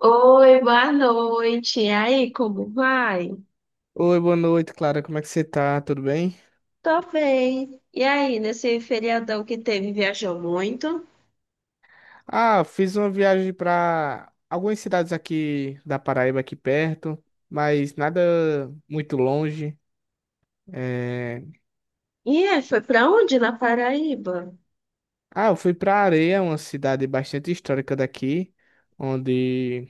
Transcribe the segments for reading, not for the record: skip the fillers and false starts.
Oi, boa noite. E aí, como vai? Oi, boa noite, Clara. Como é que você tá? Tudo bem? Tô bem. E aí, nesse feriadão que teve, viajou muito? Ah, fiz uma viagem para algumas cidades aqui da Paraíba, aqui perto, mas nada muito longe. É, E foi pra onde? Na Paraíba? Ah, eu fui para Areia, uma cidade bastante histórica daqui, onde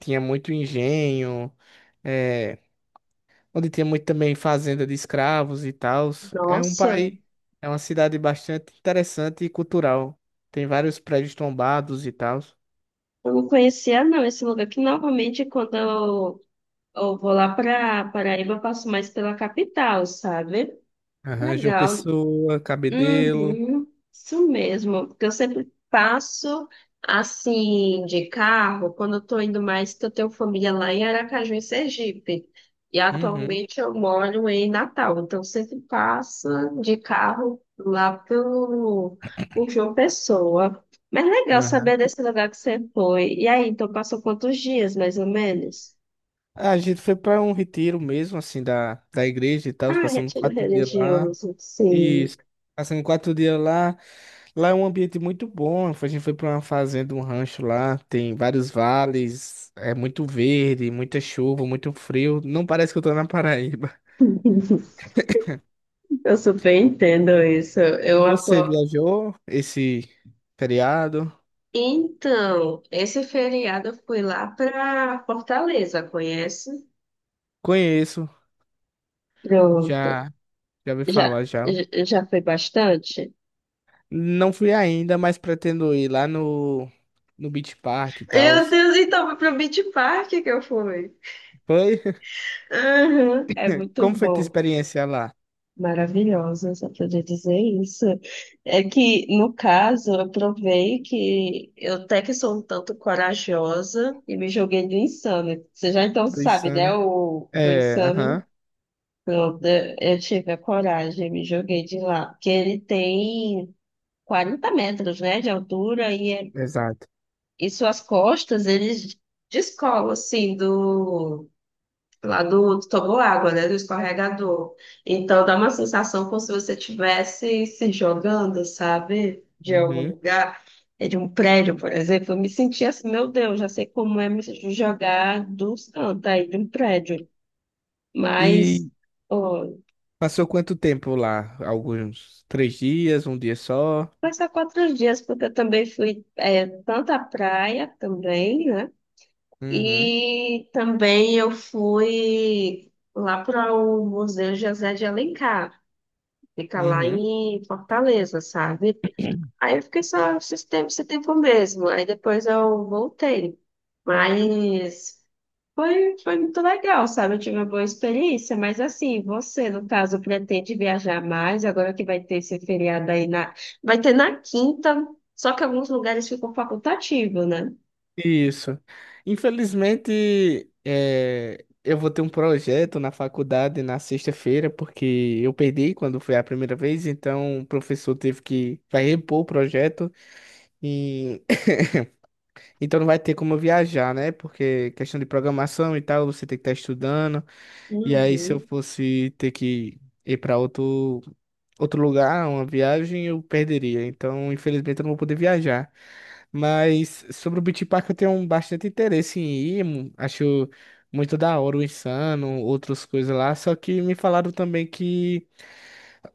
tinha muito engenho, é, onde tinha muito também fazenda de escravos e tal. É um Nossa, país, é uma cidade bastante interessante e cultural. Tem vários prédios tombados e tal. eu não conhecia não esse lugar, que normalmente quando eu vou lá pra Paraíba, eu passo mais pela capital, sabe? Aham, João Legal. Pessoa, Cabedelo. Uhum, isso mesmo, porque eu sempre passo assim de carro quando eu estou indo mais, que eu tenho família lá em Aracaju, em Sergipe. E Uhum. atualmente eu moro em Natal, então eu sempre passo de carro lá por João Pessoa. Mas legal Aham. saber desse lugar que você foi. E aí, então passou quantos dias, mais ou menos? Ah, a gente foi para um retiro mesmo, assim, da igreja e tal. Ah, Passamos retiro quatro dias lá. religioso, sim. Isso. Passamos quatro dias lá. Lá é um ambiente muito bom. A gente foi para uma fazenda, um rancho lá. Tem vários vales. É muito verde, muita chuva, muito frio. Não parece que eu tô na Paraíba. Eu super entendo isso. E você viajou esse feriado? Então, esse feriado eu fui lá para Fortaleza, conhece? Conheço. Pronto. Já, já ouvi Já, falar já. já foi bastante? Não fui ainda, mas pretendo ir lá no Beach Park e tal. Meu Deus, então foi pro Beach Park que eu fui. Foi? Aham, é muito Como foi tua bom. experiência lá? Maravilhosa, só poder dizer isso. É que, no caso, eu provei que eu até que sou um tanto corajosa e me joguei do Insano. Você já então sabe, né, Pensando. o do É, Insano? aham, Pronto, eu tive a coragem, me joguei de lá. Porque ele tem 40 metros, né, de altura e exato. e suas costas, eles descolam, assim, lá do água né, do escorregador. Então dá uma sensação como se você estivesse se jogando, sabe, de algum Uhum. lugar, de um prédio, por exemplo. Eu me sentia assim, meu Deus, já sei como é me jogar dos cantos aí de um prédio. Mas. E passou quanto tempo lá? Alguns três dias, um dia só? Foi só 4 dias, porque eu também fui tanto à praia também, né? Uhum, E também eu fui lá para o Museu José de Alencar, fica lá uhum. em Fortaleza, sabe? Aí eu fiquei só esse tempo mesmo. Aí depois eu voltei. Mas. Foi muito legal, sabe? Eu tive uma boa experiência, mas assim, você, no caso, pretende viajar mais, agora que vai ter esse feriado aí na. Vai ter na quinta, só que alguns lugares ficam facultativo, né? Isso. Infelizmente, é, eu vou ter um projeto na faculdade na sexta-feira, porque eu perdi quando foi a primeira vez, então o professor teve que vai repor o projeto. E Então não vai ter como eu viajar, né? Porque questão de programação e tal, você tem que estar estudando. E aí, se eu Uhum. fosse ter que ir para outro lugar, uma viagem, eu perderia. Então, infelizmente, eu não vou poder viajar. Mas sobre o Beach Park, eu tenho um bastante interesse em ir. Acho muito da hora o Insano, outras coisas lá. Só que me falaram também que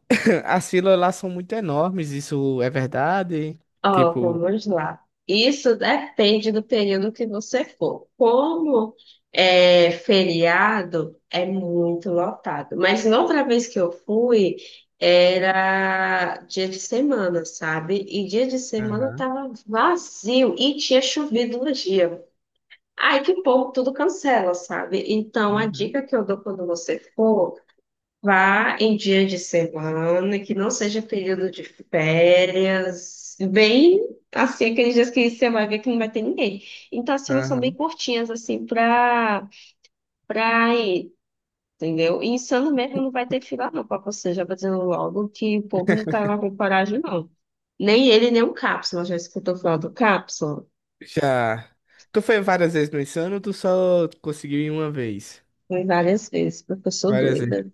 as filas lá são muito enormes. Isso é verdade? Ó, Tipo. vamos lá. Isso depende do período que você for. Como é feriado, é muito lotado. Mas na outra vez que eu fui, era dia de semana, sabe? E dia de semana Aham, tava vazio e tinha chovido no dia. Aí que o povo tudo cancela, sabe? Então a uhum, dica que eu dou quando você for. Vá em dia de semana, que não seja período de férias, bem assim, aqueles dias que você vai ver que não vai ter ninguém. Então, as filas são bem aham. curtinhas, assim, pra ir, entendeu? E Insano mesmo não vai ter fila, não, pra você, já vou dizendo logo que o povo não tá lá com coragem, não. Nem ele, nem o Cápsula, já escutou falar do Cápsula? Já. Tu foi várias vezes no Insano ou tu só conseguiu ir uma vez? Fui várias vezes, porque eu sou Várias vezes. doida.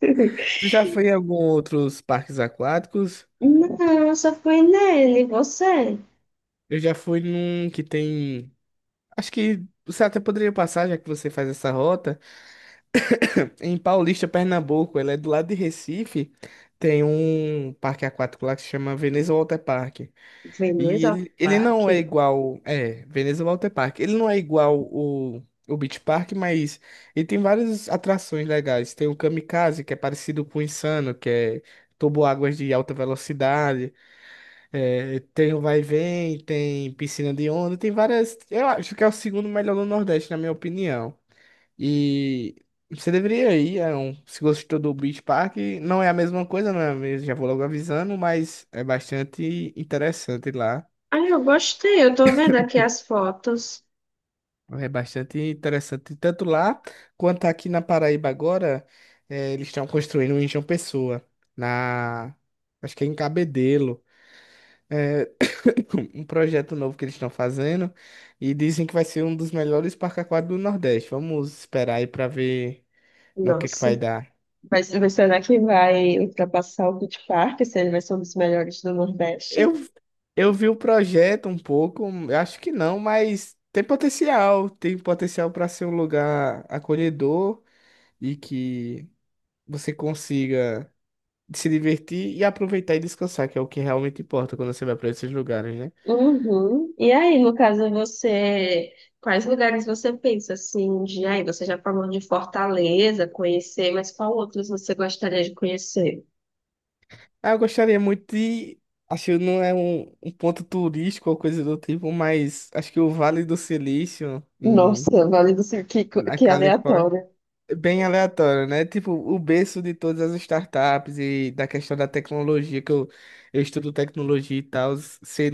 Tu já foi em algum outros parques aquáticos? Não, só fui nele, você. Eu já fui num que tem. Acho que você até poderia passar, já que você faz essa rota. Em Paulista, Pernambuco, ela é do lado de Recife. Tem um parque aquático lá que se chama Veneza Water Park. E Veneza ele não é Park? igual. É, Veneza Water Park. Ele não é igual o Beach Park, mas ele tem várias atrações legais. Tem o Kamikaze, que é parecido com o Insano, que é águas de alta velocidade. É, tem o Vai e Vem, tem piscina de onda, tem várias. Eu acho que é o segundo melhor do Nordeste, na minha opinião. E você deveria ir, é um, se gostou do Beach Park, não é a mesma coisa, não é mesmo? Já vou logo avisando, mas é bastante interessante lá. Ah, eu gostei, eu tô vendo aqui as fotos. É bastante interessante. Tanto lá quanto aqui na Paraíba agora, eh, eles estão construindo um em João Pessoa, na, acho que é em Cabedelo. É, um projeto novo que eles estão fazendo e dizem que vai ser um dos melhores parques aquáticos do Nordeste. Vamos esperar aí para ver no que Nossa, vai dar. Será que vai ultrapassar o Beach Park, se ele vai ser um dos melhores do Eu, Nordeste? eu vi o projeto um pouco, eu acho que não, mas tem potencial para ser um lugar acolhedor e que você consiga de se divertir e aproveitar e descansar, que é o que realmente importa quando você vai para esses lugares, né? Uhum. E aí, no caso, você, quais lugares você pensa assim de aí? Você já falou de Fortaleza, conhecer, mas qual outros você gostaria de conhecer? Ah, eu gostaria muito de. Acho que não é um ponto turístico ou coisa do tipo, mas acho que o Vale do Silício, em, Nossa, Vale do Sul, que, co- na que Califórnia, aleatório. é bem aleatório, né? Tipo, o berço de todas as startups e da questão da tecnologia, que eu estudo tecnologia e tal,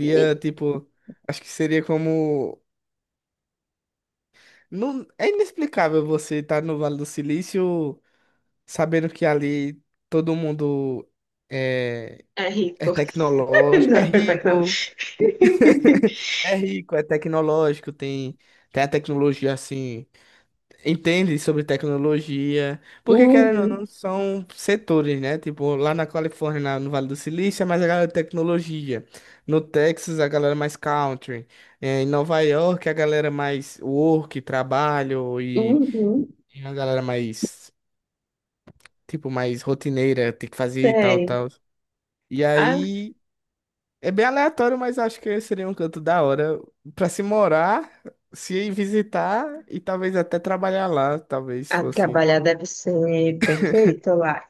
E- tipo. Acho que seria como. Não, é inexplicável você estar no Vale do Silício sabendo que ali todo mundo é, É é rico. tecnológico, é Não, tá não. rico, é rico, é tecnológico, tem, tem a tecnologia assim, entende sobre tecnologia, porque querendo ou Uhum, não, são setores, né? Tipo, lá na Califórnia, no Vale do Silício, é mais a galera de tecnologia, no Texas, a galera mais country, é, em Nova York, a galera mais work, trabalho uhum, e a galera mais. Tipo, mais rotineira, tem que fazer e tal, tem. tal. E aí é bem aleatório, mas acho que seria um canto da hora para se morar, se ir visitar e talvez até trabalhar lá, talvez A fosse, trabalhar deve ser perfeito lá.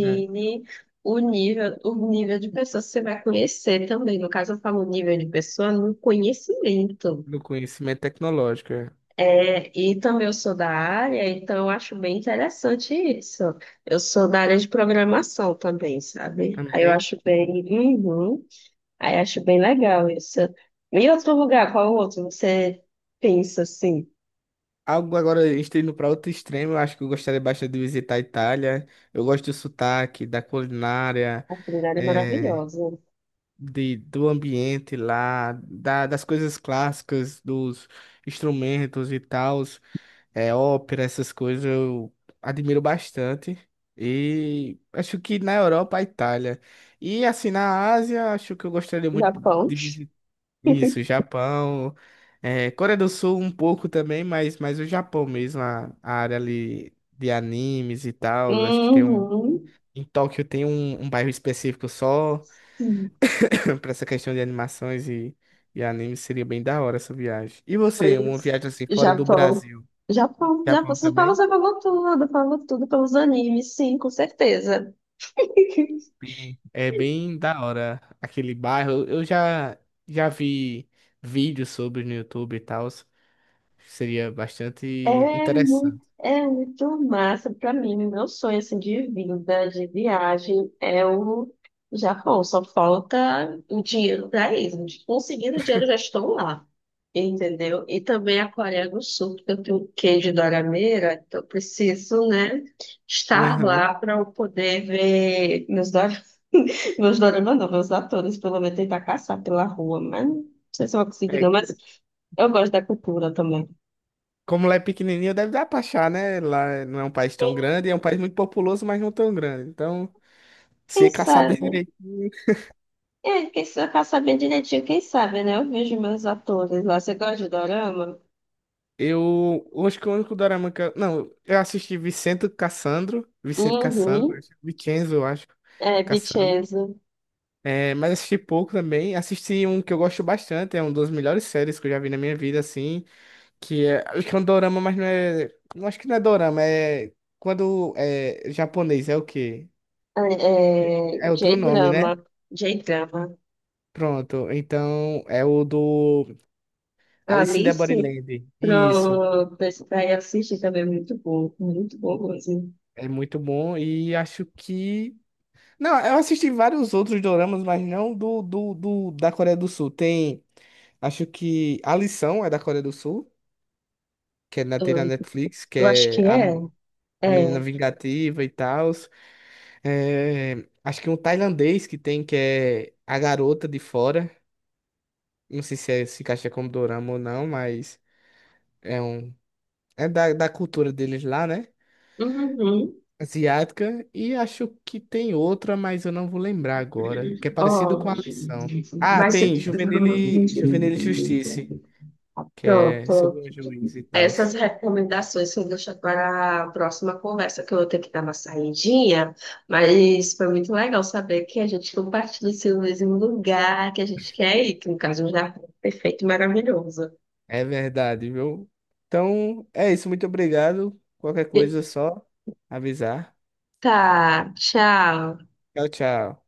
né, o nível de pessoas que você vai conhecer também. No caso, eu falo nível de pessoa no conhecimento. no conhecimento tecnológico. É. É, e também eu sou da área, então eu acho bem interessante isso. Eu sou da área de programação também, sabe? Aí eu Também. acho bem. Uhum. Aí eu acho bem legal isso. E outro lugar, qual outro? Você pensa assim? Algo agora, a gente tá indo para outro extremo, eu acho que eu gostaria bastante de visitar a Itália. Eu gosto do sotaque, da culinária, A culinária é é, maravilhosa. de, do ambiente lá, das coisas clássicas, dos instrumentos e tal. É, ópera, essas coisas eu admiro bastante. E acho que na Europa, a Itália. E assim, na Ásia, acho que eu gostaria muito Japão. de visitar isso, Japão, é, Coreia do Sul um pouco também, mas o Japão mesmo, a área ali de animes e tal. Acho que tem um. Uhum. Em Tóquio tem um bairro específico só Sim. para essa questão de animações e animes. Seria bem da hora essa viagem. E você, uma Pois, viagem assim fora do Japão. Brasil? Japão, Japão. Japão também? Você falou tudo pelos animes, sim, com certeza. É bem da hora aquele bairro. Eu já já vi vídeos sobre no YouTube e tal. Seria bastante interessante. É muito massa para mim. Meu sonho assim, de vida, de viagem, é o Japão. Só falta o dinheiro para isso. Conseguindo o dinheiro, já estou lá. Entendeu? E também a Coreia do Sul, porque eu tenho queijo de dorameira, então eu preciso, né, estar Aham. lá para eu poder ver meus. Meus doramas, não, meus atores, pelo menos tentar caçar pela rua, mas não sei se eu vou conseguir, É, não, mas eu gosto da cultura também. como lá é pequenininho, deve dar pra achar, né? Lá não é um país tão grande, é um país muito populoso, mas não tão grande. Então, se Quem é caçar bem sabe? direitinho, É, pra saber direitinho, quem sabe, né? Eu vejo meus atores lá. Você gosta de dorama? Eu acho que o único dorama que eu, não, eu assisti Vicente Cassandro, Vicente Cassandro, Uhum. Vicenzo, eu acho, É, Cassandro. Vincenzo. É, mas assisti pouco também. Assisti um que eu gosto bastante, é uma das melhores séries que eu já vi na minha vida, assim, que é, acho que é um dorama, mas não é, não acho que não é dorama, é quando é japonês, é o quê? É outro nome, né? J-drama. J-drama. Pronto, então é o do Alice in the Alice, Borderland. Isso, pra ir assistir também, é muito bom. Muito bom mesmo. é muito bom e acho que não, eu assisti vários outros doramas, mas não do da Coreia do Sul. Tem, acho que A Lição é da Coreia do Sul que é na, tem na Eu, Netflix, que eu acho que é a, é. A menina É. vingativa e tal. É, acho que um tailandês que tem, que é A Garota de Fora. Não sei se encaixa como dorama ou não, mas é um. É da cultura deles lá, né? Uhum. Asiática. E acho que tem outra, mas eu não vou lembrar agora. Que é parecido com Ó, a lição. Ah, mas... eu- tem Juvenil e Justiça, que é sobre Pronto. um juiz e tal. Essas recomendações eu deixo para a próxima conversa, que eu vou ter que dar uma saidinha, mas foi muito legal saber que a gente compartilha esse mesmo lugar que a gente quer ir, que no caso já é um jardim perfeito e maravilhoso. É verdade, viu? Então, é isso. Muito obrigado. Qualquer E- coisa, é só avisar. Tá, tchau. Tchau, tchau.